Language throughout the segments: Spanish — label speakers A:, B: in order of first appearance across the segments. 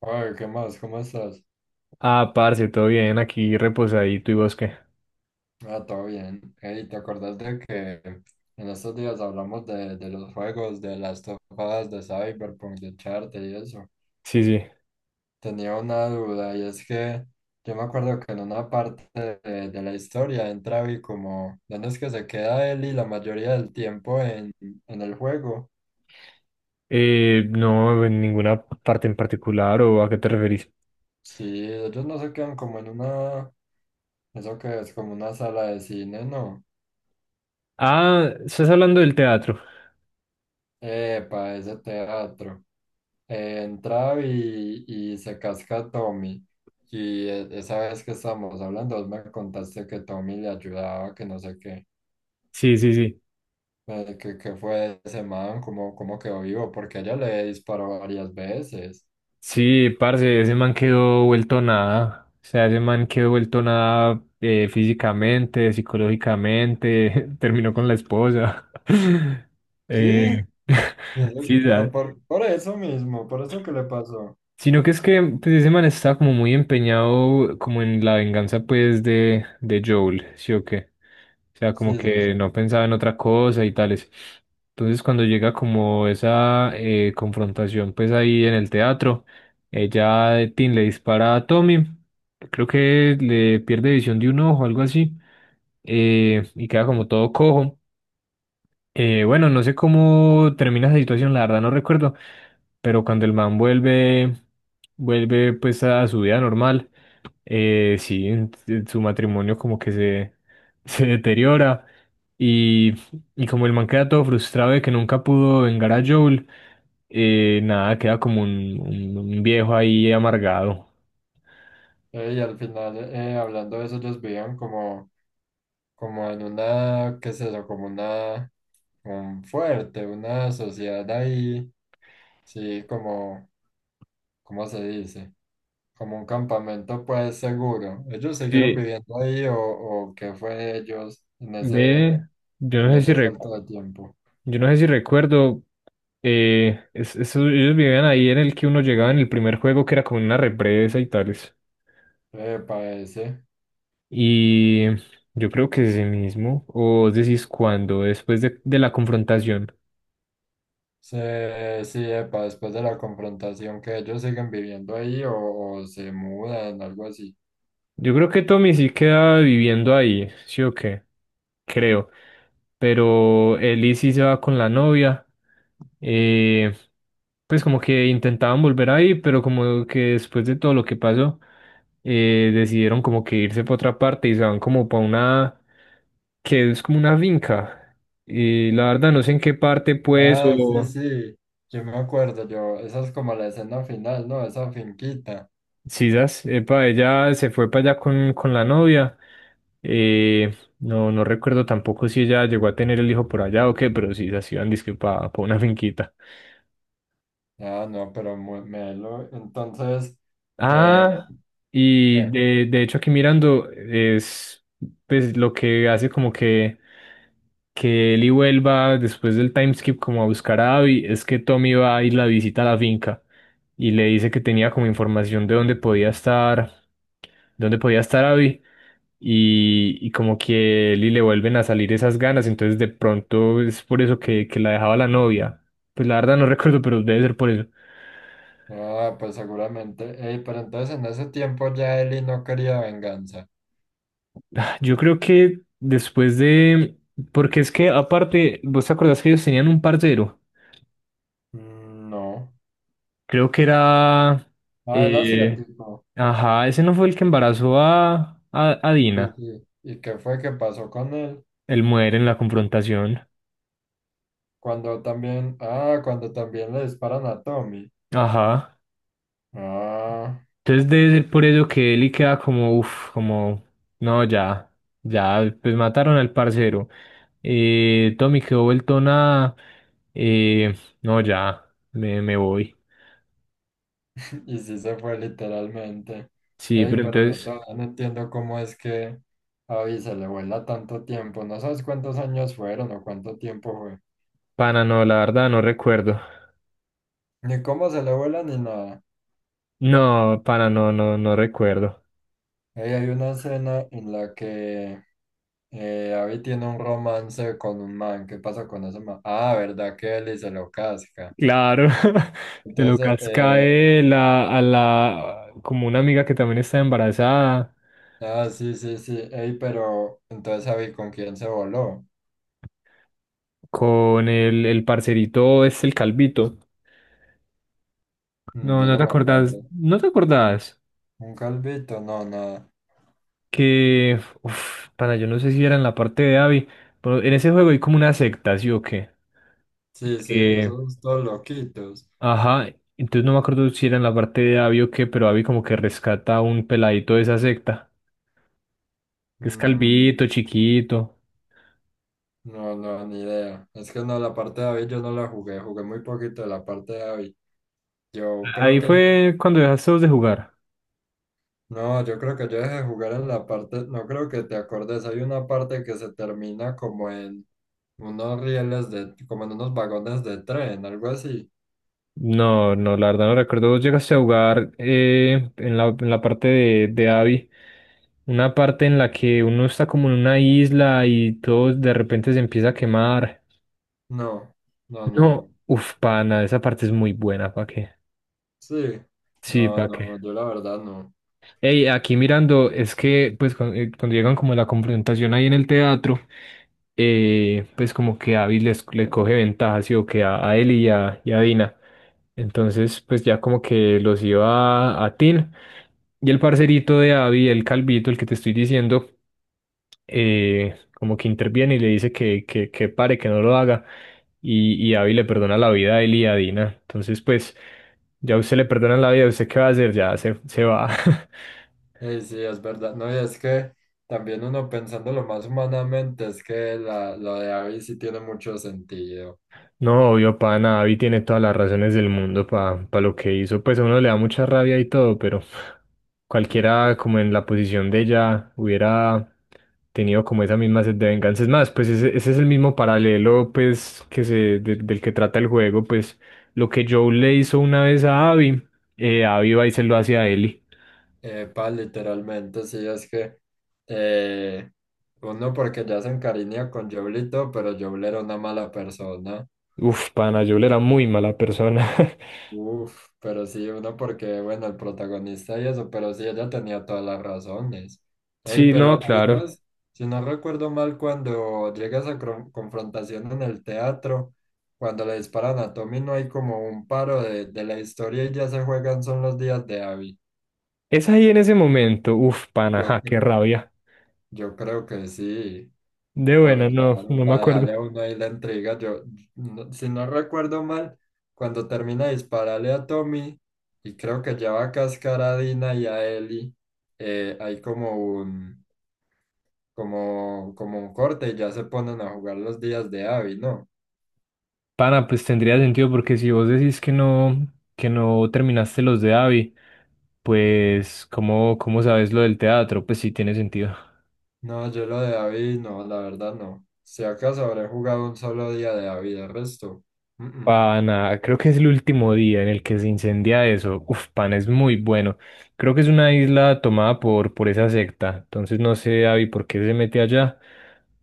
A: Oye, ¿qué más? ¿Cómo estás?
B: Ah, parce, todo bien, aquí reposadito y bosque.
A: Ah, todo bien. Hey, ¿te acordás de que en estos días hablamos de los juegos, de las topadas de Cyberpunk, de Charter y eso?
B: Sí, sí.
A: Tenía una duda y es que yo me acuerdo que en una parte de la historia entra Abby como, ¿dónde es que se queda él y la mayoría del tiempo en el juego?
B: No, en ninguna parte en particular o a qué te referís.
A: Sí, ellos no se quedan como en una, eso que es como una sala de cine, ¿no?
B: Ah, estás hablando del teatro.
A: Epa, ese teatro. Entraba y se casca a Tommy. Y esa vez que estábamos hablando, vos me contaste que Tommy le ayudaba, que no sé qué,
B: Sí, sí, sí.
A: que fue ese man, cómo quedó vivo, porque ella le disparó varias veces.
B: Sí, parce, ese man quedó vuelto nada. O sea, ese man quedó vuelto nada físicamente, psicológicamente, terminó con la esposa.
A: Sí,
B: Eh, sí,
A: pero
B: ¿sabes?
A: por eso mismo, por eso que le pasó.
B: Sino que es que pues ese man está como muy empeñado como en la venganza pues de Joel, ¿sí o qué? O sea, como
A: Sí, sos.
B: que no pensaba en otra cosa y tales. Entonces cuando llega como esa confrontación pues ahí en el teatro, ella, Tin, le dispara a Tommy, creo que le pierde visión de un ojo, algo así, y queda como todo cojo. Bueno, no sé cómo termina esa situación, la verdad no recuerdo, pero cuando el man vuelve, vuelve pues a su vida normal, sí, en su matrimonio como que se, se deteriora y, y como el man queda todo frustrado de que nunca pudo vengar a Joel, nada, queda como un, un viejo ahí amargado.
A: Y al final, hablando de eso, ellos vivían como, como en una, qué es eso, como una, un fuerte, una sociedad ahí, sí, como ¿cómo se dice? Como un campamento pues seguro. ¿Ellos siguieron
B: Sí,
A: viviendo ahí o qué fue ellos
B: ve, yo
A: en
B: no sé si
A: ese salto
B: recuerdo.
A: de tiempo?
B: Yo no sé si recuerdo, ellos vivían ahí en el que uno llegaba en el primer juego, que era como una represa y tales.
A: Epa, ese.
B: Y yo creo que ese mismo, o decís cuando, después de la confrontación.
A: Sí, sí, epa, después de la confrontación que ellos siguen viviendo ahí o se mudan, algo así.
B: Yo creo que Tommy sí queda viviendo ahí, ¿sí o qué? Creo. Pero Ellie sí se va con la novia. Eh, pues como que intentaban volver ahí, pero como que después de todo lo que pasó, decidieron como que irse para otra parte y se van como para una, que es como una finca. Y la verdad no sé en qué parte pues
A: Ah, sí,
B: o...
A: sí, yo me acuerdo, yo, esa es como la escena final, ¿no? Esa finquita.
B: Sisas, epa, ella se fue para allá con la novia. No, no recuerdo tampoco si ella llegó a tener el hijo por allá o qué, pero Sisas iban disque para una finquita.
A: Ah, no, pero muy melo. Entonces, eh,
B: Ah, y
A: ¿qué?
B: de hecho aquí mirando es pues lo que hace como que Eli vuelva después del time skip como a buscar a Abby, es que Tommy va a ir la visita a la finca y le dice que tenía como información de dónde podía estar Abby. Y, y como que él y le vuelven a salir esas ganas, entonces de pronto es por eso que la dejaba la novia. Pues la verdad no recuerdo, pero debe ser por eso.
A: Ah, pues seguramente. Ey, pero entonces en ese tiempo ya Eli no quería venganza.
B: Ah, yo creo que después de... Porque es que aparte, ¿vos te acordás que ellos tenían un parcero?
A: Mm, no.
B: Creo que era...
A: Ah, él hacía
B: eh,
A: tipo.
B: ajá, ese no fue el que embarazó a, a
A: Sí,
B: Dina,
A: sí. ¿Y qué fue que pasó con él?
B: el muere en la confrontación.
A: Cuando también, ah, cuando también le disparan a Tommy.
B: Ajá.
A: Ah,
B: Entonces debe ser por eso que Eli queda como, uff, como, no, ya, ya, pues mataron al parcero. Tommy quedó vuelto nada. Eh, no, ya, me voy.
A: y sí se fue literalmente.
B: Sí,
A: Ey,
B: pero
A: pero yo
B: entonces,
A: todavía no entiendo cómo es que a Abby se le vuela tanto tiempo. No sabes cuántos años fueron o cuánto tiempo fue.
B: pana, no, la verdad no recuerdo.
A: Ni cómo se le vuela ni nada.
B: No, pana, no, no, no recuerdo.
A: Ey, hay una escena en la que Abby tiene un romance con un man. ¿Qué pasa con ese man? Ah, ¿verdad que Eli se lo casca?
B: Claro, se lo
A: Entonces,
B: casca él a la, como una amiga que también está embarazada,
A: ah, sí, sí, sí. Ey, pero entonces Abby, ¿con quién se voló?
B: con el parcerito, es el calvito.
A: Mm,
B: No,
A: yo
B: no
A: no
B: te
A: me
B: acordás,
A: acuerdo.
B: no te acordás
A: ¿Un calvito? No, nada.
B: que, uff, pana, yo no sé si era en la parte de Abby, pero en ese juego hay como una secta, ¿sí o qué?
A: Sí, sí,
B: Que,
A: esos todos loquitos.
B: ajá, entonces no me acuerdo si era en la parte de Abby o qué, pero Abby como que rescata a un peladito de esa secta, que es
A: Mm,
B: calvito, chiquito.
A: no, no, ni idea. Es que no, la parte de Abby yo no la jugué. Jugué muy poquito de la parte de Abby. Yo creo
B: Ahí
A: que,
B: fue cuando dejaste vos de jugar.
A: no, yo creo que yo dejé de jugar en la parte, no creo que te acordes, hay una parte que se termina como en unos rieles de, como en unos vagones de tren, algo así.
B: No, no, la verdad no recuerdo. Vos llegaste a jugar en la parte de Abby, una parte en la que uno está como en una isla y todo de repente se empieza a quemar.
A: No, no, no.
B: No, uff, pana, esa parte es muy buena, ¿para qué?
A: Sí,
B: Sí,
A: no,
B: ¿para qué?
A: no, yo la verdad no.
B: Ey, aquí mirando, es que pues cuando, llegan como a la confrontación ahí en el teatro, pues como que Abby les, le coge ventaja, sí, o que a él y a Dina. Entonces, pues ya como que los iba a Tin. Y el parcerito de Abby, el calvito, el que te estoy diciendo, como que interviene y le dice que, que pare, que no lo haga. Y Abby le perdona la vida a él y a Dina. Entonces, pues, ya usted le perdona la vida, ¿usted qué va a hacer? Ya se va.
A: Sí, sí, es verdad. No, y es que también uno pensándolo más humanamente, es que la, lo de Abby sí tiene mucho sentido.
B: No, obvio, pa, nada, Avi tiene todas las razones del mundo pa pa lo que hizo. Pues a uno le da mucha rabia y todo, pero cualquiera como en la posición de ella hubiera tenido como esa misma sed de venganza. Es más, pues ese es el mismo paralelo pues que se, del que trata el juego, pues lo que Joe le hizo una vez a Abby, Abby va y se lo hace a Ellie.
A: Epa, literalmente, sí, es que eh, uno porque ya se encariña con Joblito, pero Joble era una mala persona.
B: Uf, pana, Joel era muy mala persona.
A: Uf, pero sí, uno porque, bueno, el protagonista y eso, pero sí, ella tenía todas las razones. Ey,
B: Sí, no,
A: pero ahí no
B: claro.
A: si no recuerdo mal, cuando llega esa confrontación en el teatro, cuando le disparan a Tommy, no hay como un paro de la historia y ya se juegan son los días de Abby.
B: Es ahí en ese momento, uf, pana,
A: Yo,
B: ja, qué
A: cre-
B: rabia.
A: yo creo que sí.
B: De
A: Por-
B: buena, no,
A: claro,
B: no me
A: para
B: acuerdo.
A: dejarle a uno ahí la entrega. Yo, si no recuerdo mal, cuando termina de dispararle a Tommy, y creo que ya va a cascar a Dina y a Ellie, hay como un, como, como un corte y ya se ponen a jugar los días de Abby, ¿no?
B: Pana, pues tendría sentido porque si vos decís que no terminaste los de Avi, pues ¿cómo, cómo sabes lo del teatro? Pues sí tiene sentido.
A: No, yo lo de Abby, no, la verdad no. Si acaso habré jugado un solo día de Abby, de resto. Mm, mm.
B: Pana, creo que es el último día en el que se incendia eso. Uf, pana, es muy bueno. Creo que es una isla tomada por esa secta. Entonces no sé, Avi, por qué se mete allá.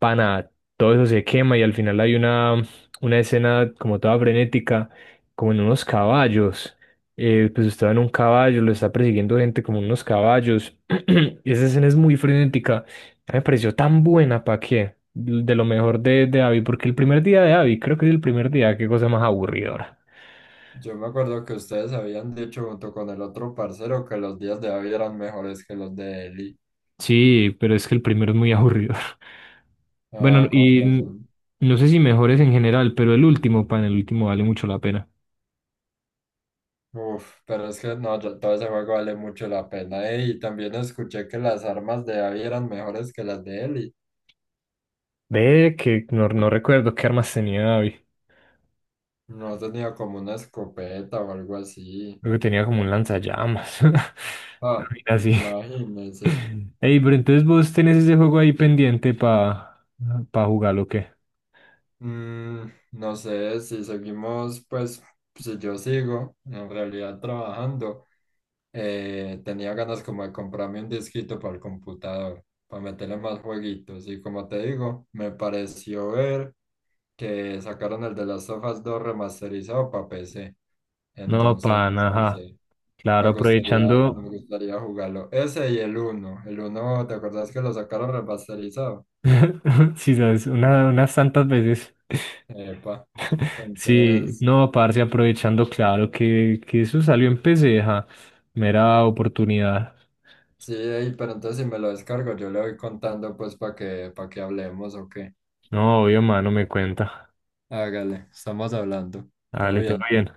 B: Pana, todo eso se quema y al final hay una escena como toda frenética, como en unos caballos. Pues estaba en un caballo, lo está persiguiendo gente como unos caballos. Y esa escena es muy frenética. A mí me pareció tan buena, ¿para qué? De lo mejor de Abby, porque el primer día de Abby, creo que es el primer día, qué cosa más aburridora.
A: Yo me acuerdo que ustedes habían dicho junto con el otro parcero que los días de Abby eran mejores que los de Ellie.
B: Sí, pero es que el primero es muy aburridor. Bueno,
A: Ah, con razón.
B: no sé si mejores en general, pero el último, pan, el último vale mucho la pena.
A: Uf, pero es que no, todo ese juego vale mucho la pena. Eh, y también escuché que las armas de Abby eran mejores que las de Eli.
B: Ve que no, no recuerdo qué armas tenía Abby.
A: No tenía como una escopeta o algo así.
B: Creo que tenía como un lanzallamas. Una
A: Ah,
B: vaina así.
A: imagínense.
B: Ey, pero entonces vos tenés ese juego ahí pendiente para pa pa jugarlo, ¿o qué?
A: Mm, no sé si seguimos, pues, si yo sigo en realidad trabajando, tenía ganas como de comprarme un disquito para el computador, para meterle más jueguitos. Y como te digo, me pareció ver. Que sacaron el de las Last 2 remasterizado para PC.
B: No, pan,
A: Entonces, no
B: ajá.
A: sé,
B: Claro,
A: me gustaría, no
B: aprovechando,
A: me gustaría jugarlo. Ese y el uno. El uno ¿te acuerdas que lo sacaron remasterizado?
B: sí, sabes, unas tantas veces.
A: Epa.
B: Sí,
A: Entonces,
B: no, parce, aprovechando, claro, que eso salió en PC, ajá. Mera oportunidad.
A: sí, ey, pero entonces si me lo descargo, yo le voy contando pues para que hablemos o qué.
B: No, obvio, mano, me cuenta.
A: Hágale, estamos hablando. Todo
B: Dale, todo
A: bien.
B: bien.